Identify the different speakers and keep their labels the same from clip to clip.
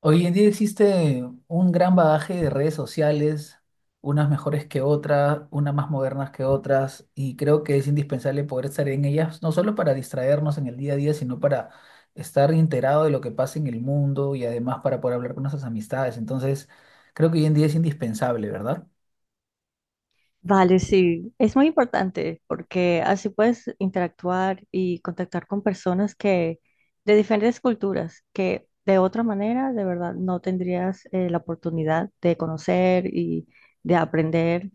Speaker 1: Hoy en día existe un gran bagaje de redes sociales, unas mejores que otras, unas más modernas que otras, y creo que es indispensable poder estar en ellas, no solo para distraernos en el día a día, sino para estar enterado de lo que pasa en el mundo y además para poder hablar con nuestras amistades. Entonces, creo que hoy en día es indispensable, ¿verdad?
Speaker 2: Vale, sí, es muy importante porque así puedes interactuar y contactar con personas que de diferentes culturas que de otra manera de verdad no tendrías la oportunidad de conocer y de aprender.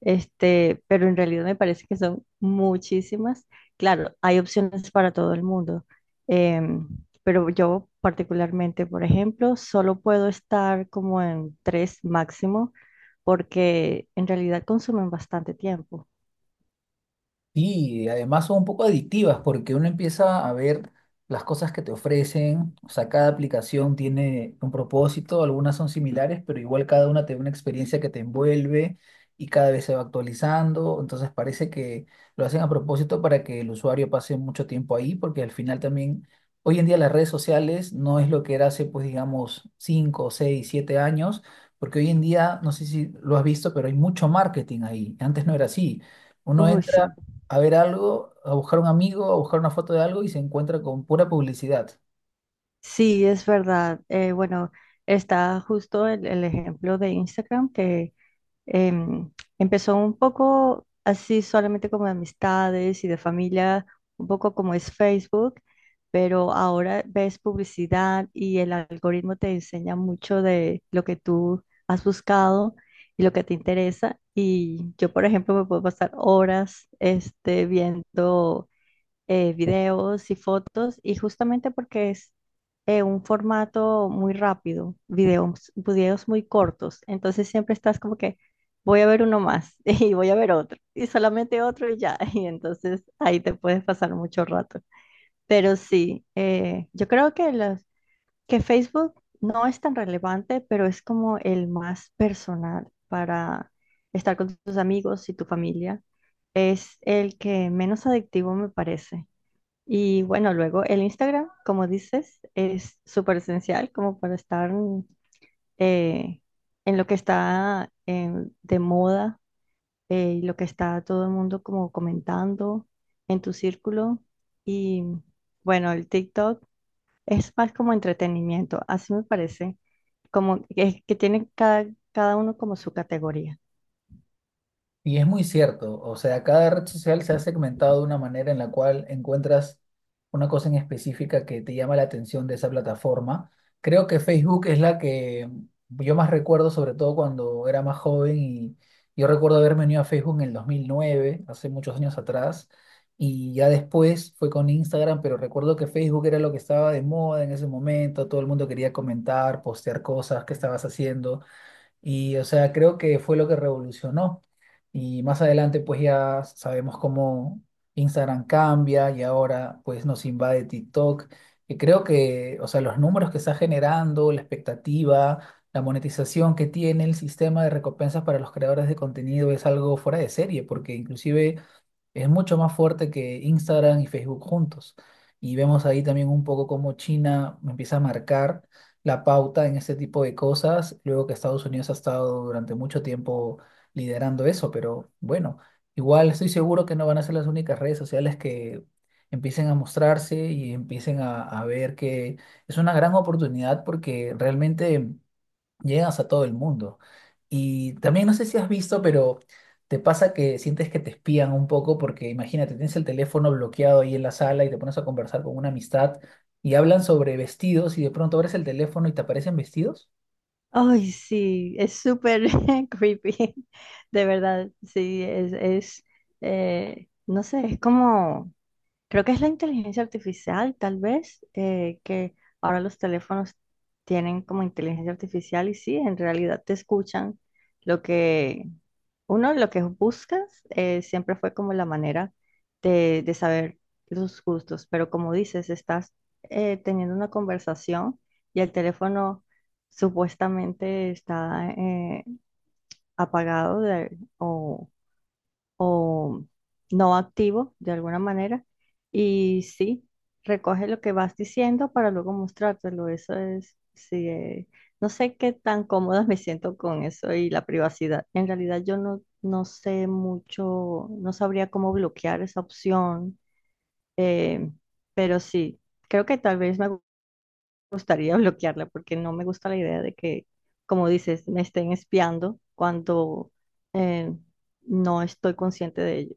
Speaker 2: Este, pero en realidad me parece que son muchísimas. Claro, hay opciones para todo el mundo, em, pero yo particularmente, por ejemplo, solo puedo estar como en tres máximo porque en realidad consumen bastante tiempo.
Speaker 1: Sí, y además son un poco adictivas porque uno empieza a ver las cosas que te ofrecen, o sea, cada aplicación tiene un propósito, algunas son similares, pero igual cada una te da una experiencia que te envuelve y cada vez se va actualizando, entonces parece que lo hacen a propósito para que el usuario pase mucho tiempo ahí, porque al final también, hoy en día las redes sociales no es lo que era hace, pues digamos, 5, 6, 7 años, porque hoy en día, no sé si lo has visto, pero hay mucho marketing ahí, antes no era así. Uno
Speaker 2: Uy,
Speaker 1: entra
Speaker 2: sí,
Speaker 1: a ver algo, a buscar un amigo, a buscar una foto de algo y se encuentra con pura publicidad.
Speaker 2: sí, es verdad. Bueno, está justo el ejemplo de Instagram que em, empezó un poco así solamente como de amistades y de familia, un poco como es Facebook, pero ahora ves publicidad y el algoritmo te enseña mucho de lo que tú has buscado y lo que te interesa. Y yo, por ejemplo, me puedo pasar horas este, viendo videos y fotos, y justamente porque es un formato muy rápido, videos, videos muy cortos, entonces siempre estás como que voy a ver uno más y voy a ver otro y solamente otro y ya, y entonces ahí te puedes pasar mucho rato. Pero sí, yo creo que que Facebook no es tan relevante, pero es como el más personal para estar con tus amigos y tu familia. Es el que menos adictivo me parece. Y bueno, luego el Instagram, como dices, es súper esencial como para estar eh, en lo que está de moda y lo que está todo el mundo como comentando en tu círculo. Y bueno, el TikTok es más como entretenimiento, así me parece, como que tiene cada uno como su categoría.
Speaker 1: Y es muy cierto, o sea, cada red social se ha segmentado de una manera en la cual encuentras una cosa en específica que te llama la atención de esa plataforma. Creo que Facebook es la que yo más recuerdo, sobre todo cuando era más joven y yo recuerdo haberme unido a Facebook en el 2009, hace muchos años atrás, y ya después fue con Instagram, pero recuerdo que Facebook era lo que estaba de moda en ese momento, todo el mundo quería comentar, postear cosas, qué estabas haciendo. Y, o sea, creo que fue lo que revolucionó. Y más adelante, pues ya sabemos cómo Instagram cambia y ahora, pues nos invade TikTok. Y creo que, o sea, los números que está generando, la expectativa, la monetización que tiene el sistema de recompensas para los creadores de contenido es algo fuera de serie, porque inclusive es mucho más fuerte que Instagram y Facebook juntos. Y vemos ahí también un poco cómo China empieza a marcar la pauta en este tipo de cosas, luego que Estados Unidos ha estado durante mucho tiempo liderando eso, pero bueno, igual estoy seguro que no van a ser las únicas redes sociales que empiecen a, mostrarse y empiecen a ver que es una gran oportunidad porque realmente llegas a todo el mundo. Y también no sé si has visto, pero te pasa que sientes que te espían un poco porque imagínate, tienes el teléfono bloqueado ahí en la sala y te pones a conversar con una amistad y hablan sobre vestidos y de pronto abres el teléfono y te aparecen vestidos.
Speaker 2: Ay, sí, es súper creepy, de verdad, sí, es, no sé, es como... Creo que es la inteligencia artificial, tal vez, que ahora los teléfonos tienen como inteligencia artificial y sí, en realidad te escuchan lo que uno, lo que buscas, siempre fue como la manera de saber los gustos, pero como dices, estás teniendo una conversación y el teléfono supuestamente está apagado o o no activo de alguna manera. Y sí, recoge lo que vas diciendo para luego mostrártelo. Eso es, sí, no sé qué tan cómoda me siento con eso y la privacidad. En realidad yo no sé mucho, no sabría cómo bloquear esa opción, eh, pero sí, creo que tal vez me gustaría bloquearla porque no me gusta la idea de que, como dices, me estén espiando cuando... eh, no estoy consciente de ello.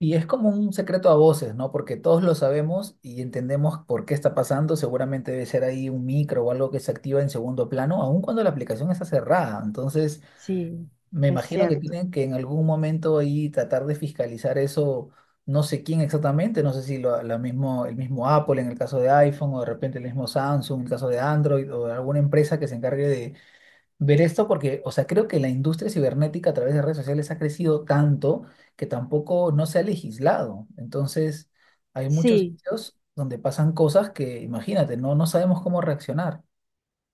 Speaker 1: Y es como un secreto a voces, ¿no? Porque todos lo sabemos y entendemos por qué está pasando. Seguramente debe ser ahí un micro o algo que se activa en segundo plano, aun cuando la aplicación está cerrada. Entonces,
Speaker 2: Sí,
Speaker 1: me
Speaker 2: es
Speaker 1: imagino que
Speaker 2: cierto.
Speaker 1: tienen que en algún momento ahí tratar de fiscalizar eso, no sé quién exactamente, no sé si el mismo Apple en el caso de iPhone o de repente el mismo Samsung en el caso de Android o alguna empresa que se encargue de ver esto, porque, o sea, creo que la industria cibernética a través de redes sociales ha crecido tanto que tampoco no se ha legislado. Entonces, hay muchos
Speaker 2: Sí,
Speaker 1: sitios donde pasan cosas que, imagínate, no sabemos cómo reaccionar.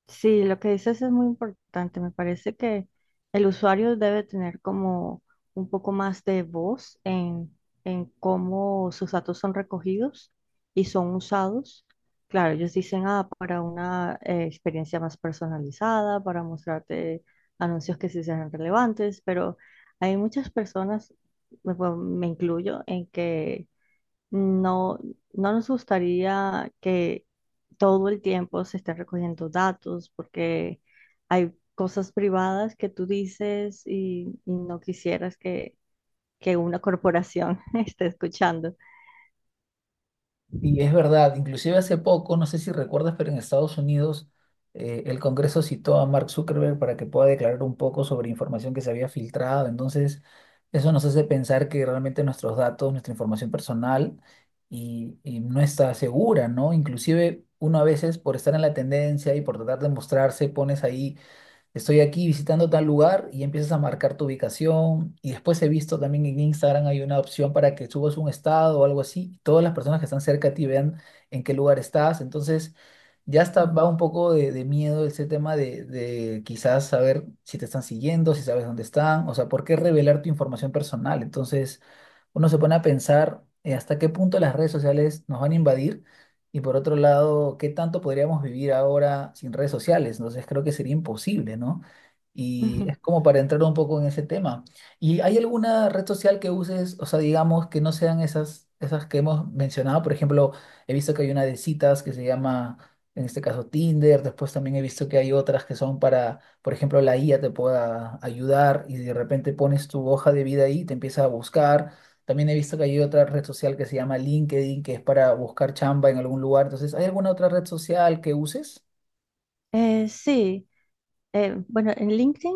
Speaker 2: sí, lo que dices es muy importante. Me parece que el usuario debe tener como un poco más de voz en cómo sus datos son recogidos y son usados. Claro, ellos dicen, ah, para una experiencia más personalizada, para mostrarte anuncios que sí sean relevantes, pero hay muchas personas, me bueno, me incluyo, en que no, no nos gustaría que todo el tiempo se esté recogiendo datos porque hay cosas privadas que tú dices y no quisieras que una corporación esté escuchando.
Speaker 1: Y es verdad, inclusive hace poco, no sé si recuerdas, pero en Estados Unidos el Congreso citó a Mark Zuckerberg para que pueda declarar un poco sobre información que se había filtrado. Entonces, eso nos hace pensar que realmente nuestros datos, nuestra información personal y no está segura, ¿no? Inclusive uno a veces por estar en la tendencia y por tratar de mostrarse, pones ahí estoy aquí visitando tal lugar y empiezas a marcar tu ubicación. Y después he visto también en Instagram hay una opción para que subas un estado o algo así, y todas las personas que están cerca de ti vean en qué lugar estás. Entonces ya está, va un poco de miedo ese tema de, quizás saber si te están siguiendo, si sabes dónde están. O sea, ¿por qué revelar tu información personal? Entonces uno se pone a pensar hasta qué punto las redes sociales nos van a invadir y por otro lado, qué tanto podríamos vivir ahora sin redes sociales. Entonces creo que sería imposible, ¿no? Y
Speaker 2: Ujú.
Speaker 1: es como para entrar un poco en ese tema. ¿Y hay alguna red social que uses, o sea, digamos que no sean esas, esas que hemos mencionado? Por ejemplo, he visto que hay una de citas que se llama, en este caso, Tinder. Después también he visto que hay otras que son para, por ejemplo, la IA te pueda ayudar y de repente pones tu hoja de vida ahí, te empieza a buscar. También he visto que hay otra red social que se llama LinkedIn, que es para buscar chamba en algún lugar. Entonces, ¿hay alguna otra red social que uses?
Speaker 2: Sí. Bueno, en LinkedIn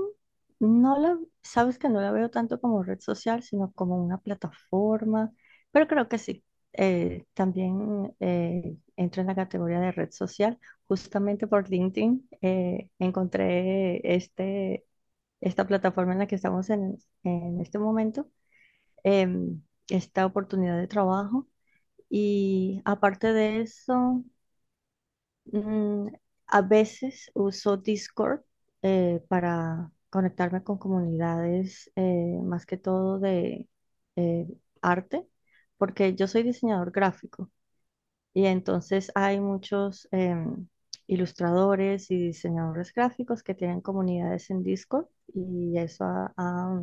Speaker 2: sabes que no la veo tanto como red social, sino como una plataforma, pero creo que sí. También entra en la categoría de red social. Justamente por LinkedIn encontré esta plataforma en la que estamos en este momento, em, esta oportunidad de trabajo. Y aparte de eso, Mm, a veces uso Discord para conectarme con comunidades, más que todo de eh, arte, porque yo soy diseñador gráfico y entonces hay muchos ilustradores y diseñadores gráficos que tienen comunidades en Discord y eso ha, ha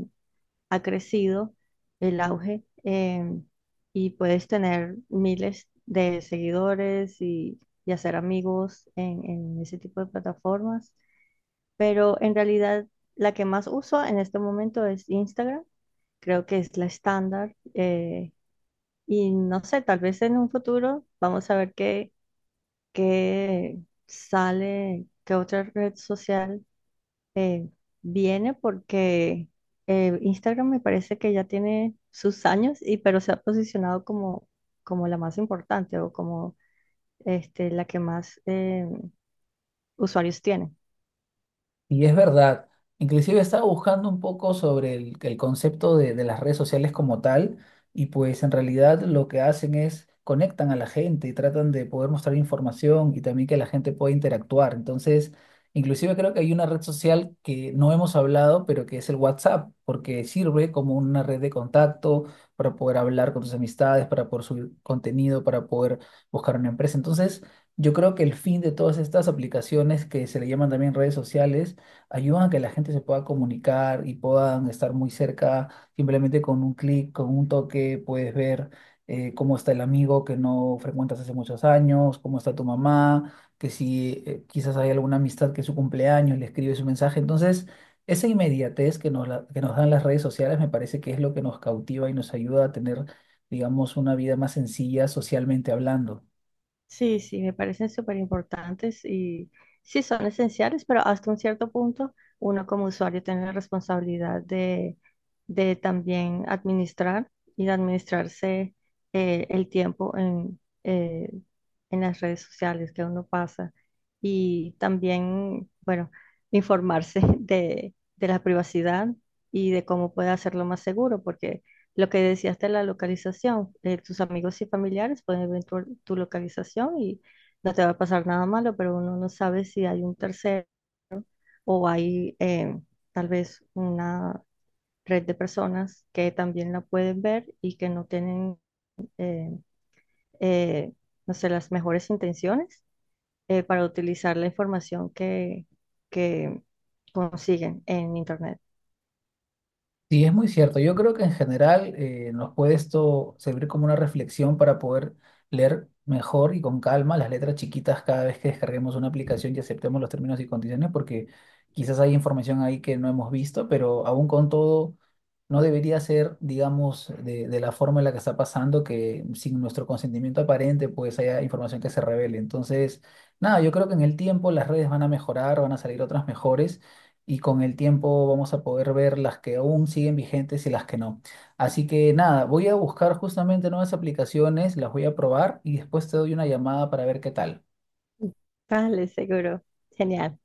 Speaker 2: ha crecido el auge y puedes tener miles de seguidores y hacer amigos en ese tipo de plataformas. Pero en realidad la que más uso en este momento es Instagram. Creo que es la estándar. Y no sé, tal vez en un futuro vamos a ver qué, qué sale, qué otra red social eh, viene porque Instagram me parece que ya tiene sus años y pero se ha posicionado como, como la más importante o como este, la que más usuarios tiene.
Speaker 1: Y es verdad, inclusive estaba buscando un poco sobre el concepto de las redes sociales como tal y pues en realidad lo que hacen es conectan a la gente y tratan de poder mostrar información y también que la gente pueda interactuar. Entonces, inclusive creo que hay una red social que no hemos hablado, pero que es el WhatsApp, porque sirve como una red de contacto para poder hablar con tus amistades, para poder subir contenido, para poder buscar una empresa. Entonces, yo creo que el fin de todas estas aplicaciones que se le llaman también redes sociales, ayudan a que la gente se pueda comunicar y puedan estar muy cerca, simplemente con un clic, con un toque, puedes ver cómo está el amigo que no frecuentas hace muchos años, cómo está tu mamá, que si quizás hay alguna amistad que es su cumpleaños, le escribes un mensaje. Entonces, esa inmediatez que nos dan las redes sociales me parece que es lo que nos cautiva y nos ayuda a tener, digamos, una vida más sencilla socialmente hablando.
Speaker 2: Sí, sí, me parecen súper importantes y sí son esenciales, pero hasta un cierto punto uno como usuario tiene la responsabilidad de también administrar y de administrarse el tiempo en en las redes sociales que uno pasa y también, bueno, informarse de la privacidad y de cómo puede hacerlo más seguro, porque lo que decías de la localización, tus amigos y familiares pueden ver tu localización y no te va a pasar nada malo, pero uno no sabe si hay un tercero o hay tal vez una red de personas que también la pueden ver y que no tienen, eh, eh, no sé, las mejores intenciones para utilizar la información que consiguen en Internet.
Speaker 1: Sí, es muy cierto. Yo creo que en general nos puede esto servir como una reflexión para poder leer mejor y con calma las letras chiquitas cada vez que descarguemos una aplicación y aceptemos los términos y condiciones, porque quizás hay información ahí que no hemos visto, pero aún con todo no debería ser, digamos, de, la forma en la que está pasando que sin nuestro consentimiento aparente pues haya información que se revele. Entonces, nada, yo creo que en el tiempo las redes van a mejorar, van a salir otras mejores y con el tiempo vamos a poder ver las que aún siguen vigentes y las que no. Así que nada, voy a buscar justamente nuevas aplicaciones, las voy a probar y después te doy una llamada para ver qué tal.
Speaker 2: Vale, seguro. Genial.